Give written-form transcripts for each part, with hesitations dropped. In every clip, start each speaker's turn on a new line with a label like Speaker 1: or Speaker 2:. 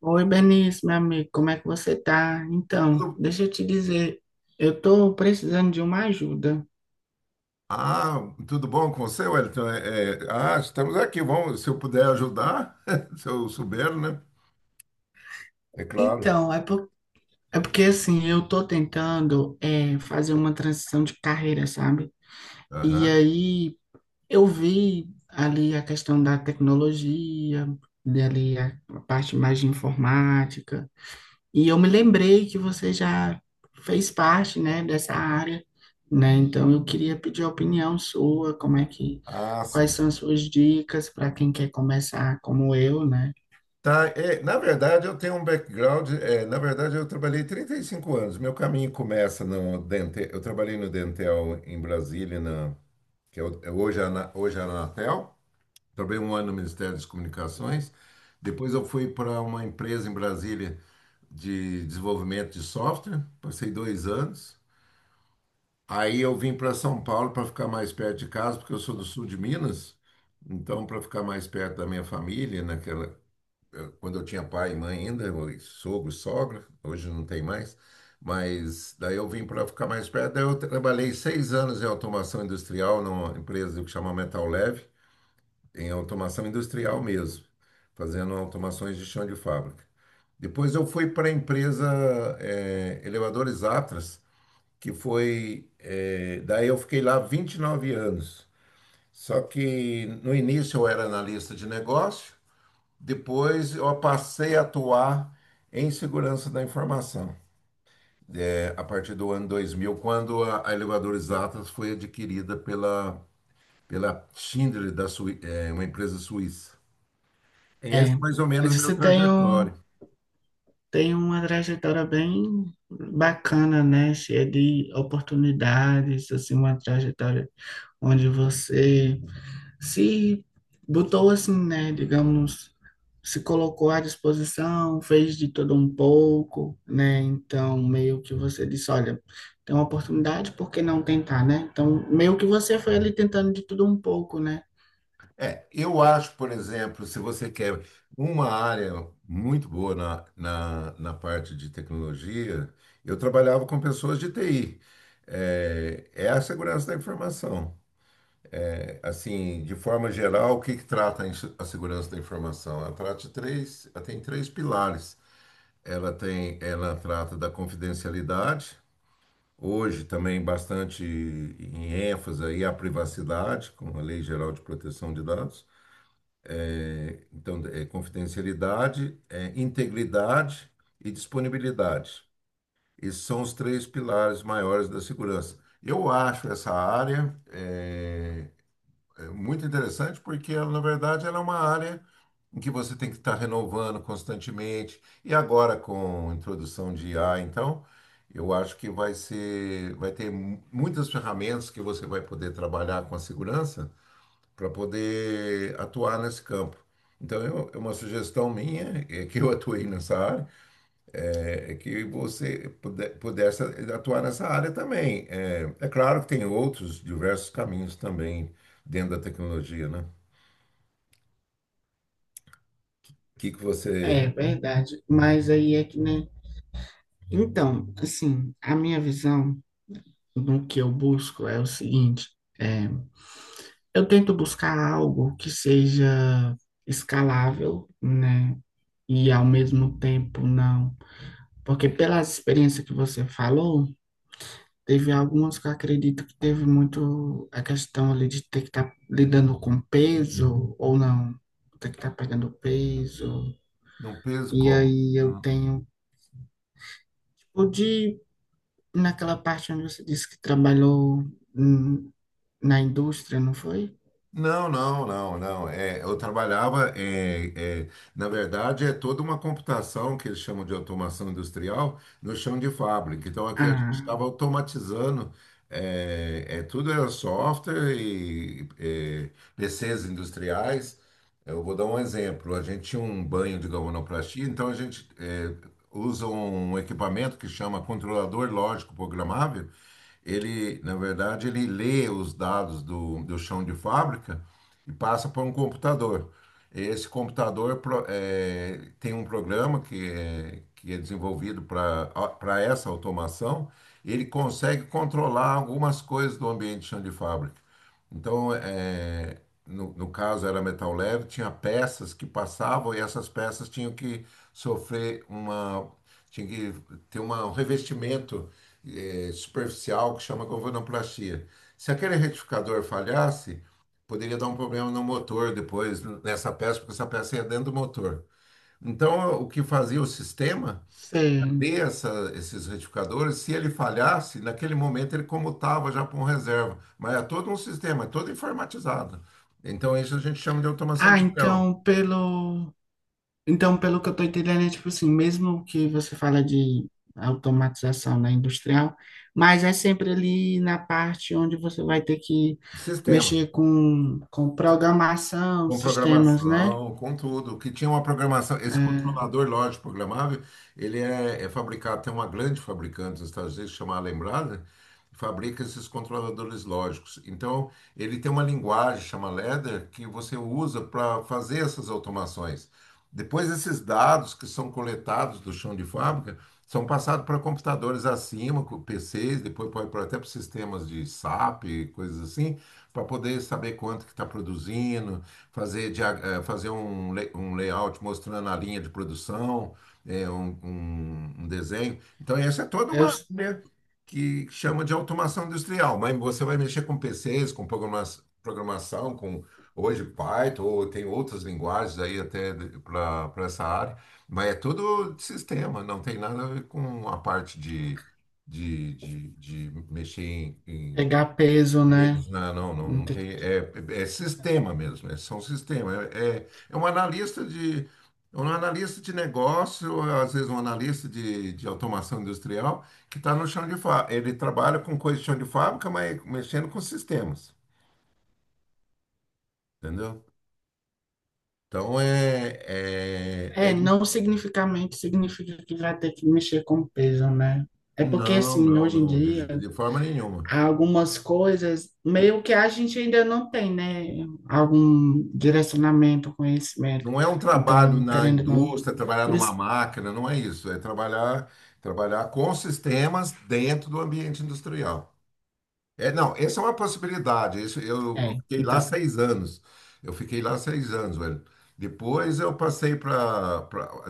Speaker 1: Oi, Benício, meu amigo, como é que você tá? Então,
Speaker 2: Tudo-
Speaker 1: deixa eu te dizer, eu tô precisando de uma ajuda.
Speaker 2: Ah, tudo bom com você, Wellington? Estamos aqui. Vamos, se eu puder ajudar, se eu souber, né? É claro.
Speaker 1: Então, é porque assim, eu tô tentando fazer uma transição de carreira, sabe? E
Speaker 2: Aham.
Speaker 1: aí eu vi ali a questão da tecnologia, dali a parte mais de informática. E eu me lembrei que você já fez parte, né, dessa área, né? Então eu queria pedir a opinião sua, como é que,
Speaker 2: Ah,
Speaker 1: quais
Speaker 2: sim.
Speaker 1: são as suas dicas para quem quer começar como eu, né?
Speaker 2: Tá, na verdade, eu tenho um background. Na verdade, eu trabalhei 35 anos. Meu caminho começa no Dentel. Eu trabalhei no Dentel em Brasília, que é hoje a Anatel. Trabalhei um ano no Ministério das Comunicações. Depois, eu fui para uma empresa em Brasília de desenvolvimento de software. Passei 2 anos. Aí eu vim para São Paulo para ficar mais perto de casa, porque eu sou do sul de Minas. Então, para ficar mais perto da minha família, naquela, quando eu tinha pai e mãe ainda, sogro, sogra, hoje não tem mais. Mas daí eu vim para ficar mais perto. Daí eu trabalhei 6 anos em automação industrial numa empresa que chama Metal Leve, em automação industrial mesmo, fazendo automações de chão de fábrica. Depois eu fui para a empresa Elevadores Atlas daí eu fiquei lá 29 anos. Só que no início eu era analista de negócio, depois eu passei a atuar em segurança da informação. A partir do ano 2000, quando a Elevadores Atlas foi adquirida pela Schindler, uma empresa suíça. Esse
Speaker 1: É,
Speaker 2: é mais ou menos o meu
Speaker 1: você tem
Speaker 2: trajetório.
Speaker 1: um, tem uma trajetória bem bacana, né? Cheia de oportunidades, assim, uma trajetória onde você se botou assim, né, digamos, se colocou à disposição, fez de todo um pouco, né? Então, meio que você disse, olha, tem uma oportunidade, por que não tentar, né? Então, meio que você foi ali tentando de tudo um pouco, né?
Speaker 2: Eu acho, por exemplo, se você quer uma área muito boa na parte de tecnologia, eu trabalhava com pessoas de TI. É a segurança da informação. É, assim, de forma geral, o que que trata a segurança da informação? Ela trata de três. Ela tem três pilares. Ela trata da confidencialidade. Hoje também bastante em ênfase aí a privacidade, com a Lei Geral de Proteção de Dados. Então, é confidencialidade, é integridade e disponibilidade. Esses são os três pilares maiores da segurança. Eu acho essa área é muito interessante porque ela, na verdade, ela é uma área em que você tem que estar renovando constantemente. E agora, com a introdução de IA, então, eu acho que vai ter muitas ferramentas que você vai poder trabalhar com a segurança para poder atuar nesse campo. Então, é uma sugestão minha, é que eu atuei nessa área, é que você pudesse atuar nessa área também. É claro que tem outros diversos caminhos também dentro da tecnologia, né? O que que você?
Speaker 1: É, é verdade. Mas aí é que, né? Então, assim, a minha visão do que eu busco é o seguinte, é, eu tento buscar algo que seja escalável, né? E ao mesmo tempo não. Porque pela experiência que você falou, teve algumas que eu acredito que teve muito a questão ali de ter que estar lidando com peso ou não, ter que estar pegando peso.
Speaker 2: Não, peso
Speaker 1: E
Speaker 2: como?
Speaker 1: aí eu tenho, tipo, de, naquela parte onde você disse que trabalhou hum, na indústria, não foi?
Speaker 2: Não, não, não, não. É, eu trabalhava, na verdade, é toda uma computação que eles chamam de automação industrial no chão de fábrica. Então, aqui a gente
Speaker 1: Ah.
Speaker 2: estava automatizando, tudo era software PCs industriais. Eu vou dar um exemplo. A gente tinha um banho de galvanoplastia, então a gente usa um equipamento que chama controlador lógico programável. Ele, na verdade, ele lê os dados do chão de fábrica e passa para um computador. Esse computador tem um programa que é desenvolvido para essa automação. Ele consegue controlar algumas coisas do ambiente de chão de fábrica. Então, no caso era Metal Leve, tinha peças que passavam e essas peças tinham que sofrer uma, tinha que ter um revestimento superficial que chama galvanoplastia. Se aquele retificador falhasse, poderia dar um problema no motor depois, nessa peça, porque essa peça ia dentro do motor. Então, o que fazia o sistema,
Speaker 1: Sei.
Speaker 2: ver esses retificadores, se ele falhasse, naquele momento ele comutava já para um reserva. Mas é todo um sistema, é todo informatizado. Então, isso a gente chama de automação
Speaker 1: Ah,
Speaker 2: industrial,
Speaker 1: então pelo que eu tô entendendo, é tipo assim, mesmo que você fala de automatização na industrial, mas é sempre ali na parte onde você vai ter que
Speaker 2: de sistema.
Speaker 1: mexer com programação,
Speaker 2: Com
Speaker 1: sistemas, né?
Speaker 2: programação, com tudo. Que tinha uma programação. Esse
Speaker 1: É,
Speaker 2: controlador lógico programável, ele é fabricado. Tem uma grande fabricante dos Estados Unidos chamada Lembrada, fabrica esses controladores lógicos. Então, ele tem uma linguagem chamada Ladder que você usa para fazer essas automações. Depois, esses dados que são coletados do chão de fábrica são passados para computadores acima, com PCs, depois pode para até para sistemas de SAP, coisas assim, para poder saber quanto que está produzindo, fazer, fazer um layout mostrando a linha de produção, um desenho. Então, essa é toda uma
Speaker 1: eu s-
Speaker 2: área que chama de automação industrial, mas você vai mexer com PCs, com programação, com hoje Python, ou tem outras linguagens aí até para essa área, mas é tudo de sistema, não tem nada a ver com a parte de mexer em
Speaker 1: pegar peso, né?
Speaker 2: eles, não, não, não,
Speaker 1: Não
Speaker 2: não
Speaker 1: ter
Speaker 2: tem.
Speaker 1: que-
Speaker 2: É sistema mesmo, é, são sistema. É um analista de é um analista de negócio, às vezes um analista de automação industrial, que está no chão de fábrica. Ele trabalha com coisa de chão de fábrica, mas mexendo com sistemas, entendeu? Então é
Speaker 1: É,
Speaker 2: isso.
Speaker 1: não significamente significa que vai ter que mexer com peso, né? É porque
Speaker 2: Não,
Speaker 1: assim,
Speaker 2: não,
Speaker 1: hoje em
Speaker 2: não,
Speaker 1: dia
Speaker 2: de forma nenhuma.
Speaker 1: algumas coisas, meio que a gente ainda não tem, né? Algum direcionamento, conhecimento.
Speaker 2: Não é um trabalho
Speaker 1: Então,
Speaker 2: na
Speaker 1: querendo ou não,
Speaker 2: indústria, trabalhar
Speaker 1: por
Speaker 2: numa
Speaker 1: isso,
Speaker 2: máquina, não é isso. É trabalhar, com sistemas dentro do ambiente industrial. É, não, essa é uma possibilidade. Isso, eu
Speaker 1: é,
Speaker 2: fiquei lá
Speaker 1: então,
Speaker 2: 6 anos. Eu fiquei lá seis anos, velho. Depois eu passei para.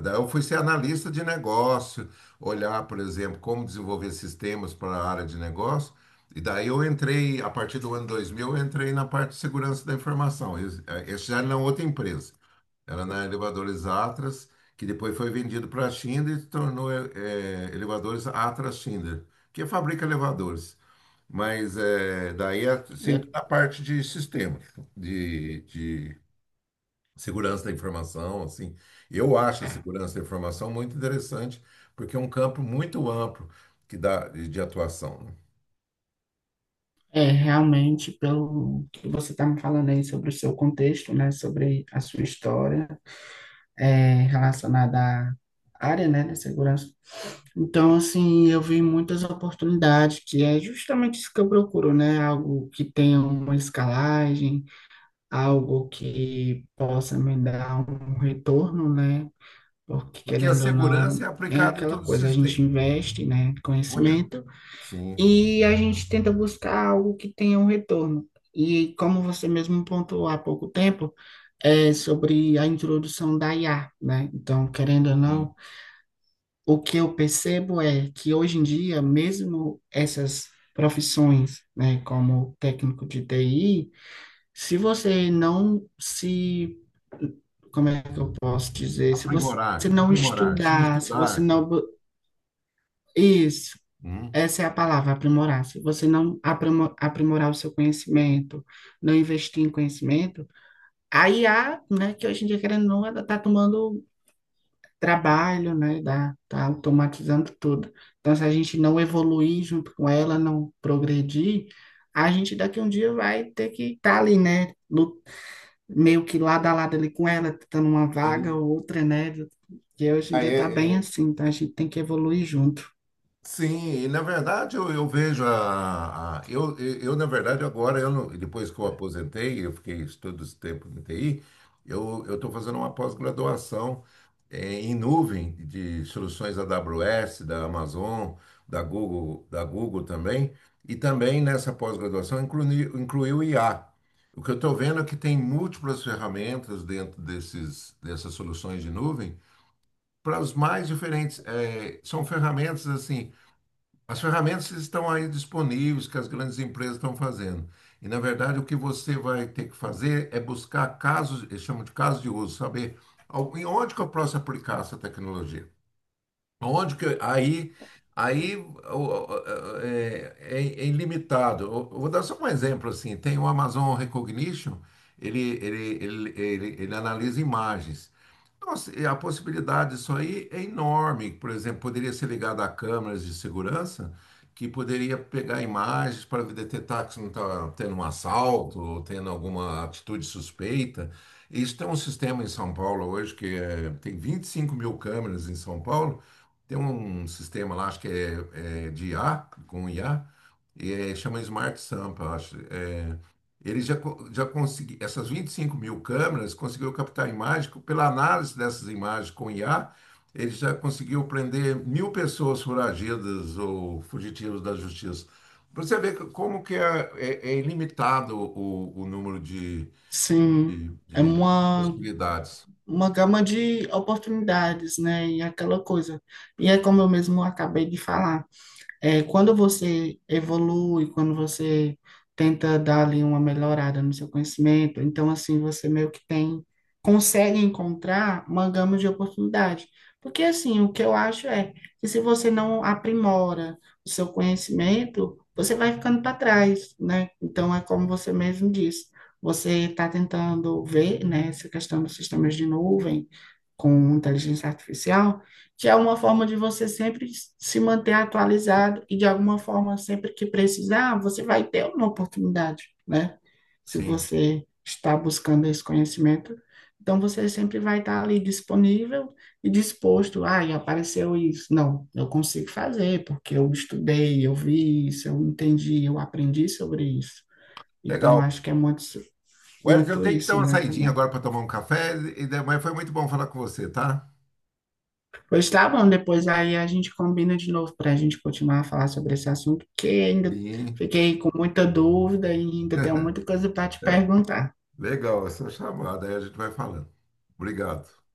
Speaker 2: Daí eu fui ser analista de negócio, olhar, por exemplo, como desenvolver sistemas para a área de negócio. E daí eu entrei, a partir do ano 2000, eu entrei na parte de segurança da informação. Esse já era na outra empresa. Era na Elevadores Atlas, que depois foi vendido para a Schindler e se tornou Elevadores Atlas Schindler, que fabrica elevadores. Mas daí é sempre
Speaker 1: eu-
Speaker 2: na parte de sistema, de segurança da informação, assim. Eu acho a segurança da informação muito interessante, porque é um campo muito amplo que dá de atuação, né?
Speaker 1: é, realmente, pelo que você está me falando aí sobre o seu contexto, né? Sobre a sua história, é, relacionada à área, né, da segurança. Então, assim, eu vi muitas oportunidades, que é justamente isso que eu procuro, né? Algo que tenha uma escalagem, algo que possa me dar um retorno, né? Porque
Speaker 2: Porque a
Speaker 1: querendo ou
Speaker 2: segurança
Speaker 1: não,
Speaker 2: é
Speaker 1: é
Speaker 2: aplicada em
Speaker 1: aquela
Speaker 2: todo o
Speaker 1: coisa, a gente
Speaker 2: sistema.
Speaker 1: investe, né,
Speaker 2: Vou te-
Speaker 1: conhecimento
Speaker 2: Sim,
Speaker 1: e a gente tenta buscar algo que tenha um retorno. E como você mesmo pontuou há pouco tempo, é sobre a introdução da IA, né? Então, querendo ou
Speaker 2: sim.
Speaker 1: não, o que eu percebo é que hoje em dia, mesmo essas profissões, né, como técnico de TI, se você não se, como é que eu posso dizer? Se você
Speaker 2: Aprimorar,
Speaker 1: não
Speaker 2: aprimorar. Se não
Speaker 1: estudar, se você
Speaker 2: estudar.
Speaker 1: não, bu- isso,
Speaker 2: Hum.
Speaker 1: essa é a palavra, aprimorar. Se você não aprimorar o seu conhecimento, não investir em conhecimento, a IA, né, que hoje em dia, querendo ou não, ela está tomando trabalho, né, da, tá automatizando tudo. Então, se a gente não evoluir junto com ela, não progredir, a gente daqui um dia vai ter que estar ali, né, meio que lado a lado ali com ela, tentando uma vaga
Speaker 2: Sim.
Speaker 1: ou outra, né? E hoje em
Speaker 2: Ah,
Speaker 1: dia tá
Speaker 2: é-
Speaker 1: bem
Speaker 2: é,
Speaker 1: assim, tá? A gente tem que evoluir junto.
Speaker 2: Sim, e na verdade eu vejo eu, na verdade, agora, eu não- depois que eu aposentei, eu fiquei todo esse tempo no TI. Eu estou fazendo uma pós-graduação em nuvem de soluções AWS, da Amazon, da Google também, e também nessa pós-graduação inclui o IA. O que eu estou vendo é que tem múltiplas ferramentas dentro dessas soluções de nuvem para os mais diferentes. Eh, são ferramentas assim As ferramentas estão aí disponíveis que as grandes empresas estão fazendo. E, na verdade, o que você vai ter que fazer é buscar casos, eles chamam de casos de uso, saber em onde que eu posso aplicar essa tecnologia. Onde que aí é ilimitado. Eu vou dar só um exemplo assim. Tem o Amazon Recognition, ele analisa imagens. Nossa, e a possibilidade disso aí é enorme. Por exemplo, poderia ser ligado a câmeras de segurança que poderia pegar imagens para detectar que não está tendo um assalto ou tendo alguma atitude suspeita. Isso tem um sistema em São Paulo hoje tem 25 mil câmeras em São Paulo. Tem um sistema lá, acho que é de IA, com IA, chama Smart Sampa, acho. É, ele já conseguiu, essas 25 mil câmeras, conseguiu captar imagem, pela análise dessas imagens com IA, ele já conseguiu prender mil pessoas foragidas ou fugitivos da justiça. Pra você ver como que é ilimitado o número
Speaker 1: Sim, é
Speaker 2: de possibilidades.
Speaker 1: uma gama de oportunidades, né? E aquela coisa. E é como eu mesmo acabei de falar. É, quando você evolui, quando você tenta dar ali uma melhorada no seu conhecimento, então assim você meio que tem, consegue encontrar uma gama de oportunidade. Porque assim, o que eu acho é que se você não aprimora o seu conhecimento, você vai ficando para trás, né? Então é como você mesmo disse, você está tentando ver, né, essa questão dos sistemas de nuvem com inteligência artificial que é uma forma de você sempre se manter atualizado e de alguma forma, sempre que precisar, você vai ter uma oportunidade, né? Se
Speaker 2: Sim,
Speaker 1: você está buscando esse conhecimento, então você sempre vai estar ali disponível e disposto. Ah, e apareceu isso. Não, eu consigo fazer, porque eu estudei, eu vi isso, eu entendi, eu aprendi sobre isso. Então, acho
Speaker 2: legal.
Speaker 1: que é muito,
Speaker 2: Wesley, eu
Speaker 1: muito
Speaker 2: tenho que dar
Speaker 1: isso,
Speaker 2: uma
Speaker 1: né,
Speaker 2: saidinha
Speaker 1: também.
Speaker 2: agora para tomar um café, mas foi muito bom falar com você, tá?
Speaker 1: Pois tá bom, depois aí a gente combina de novo para a gente continuar a falar sobre esse assunto, que ainda
Speaker 2: Sim.
Speaker 1: fiquei com muita dúvida e ainda tenho muita coisa para te perguntar.
Speaker 2: Legal essa chamada, aí a gente vai falando. Obrigado.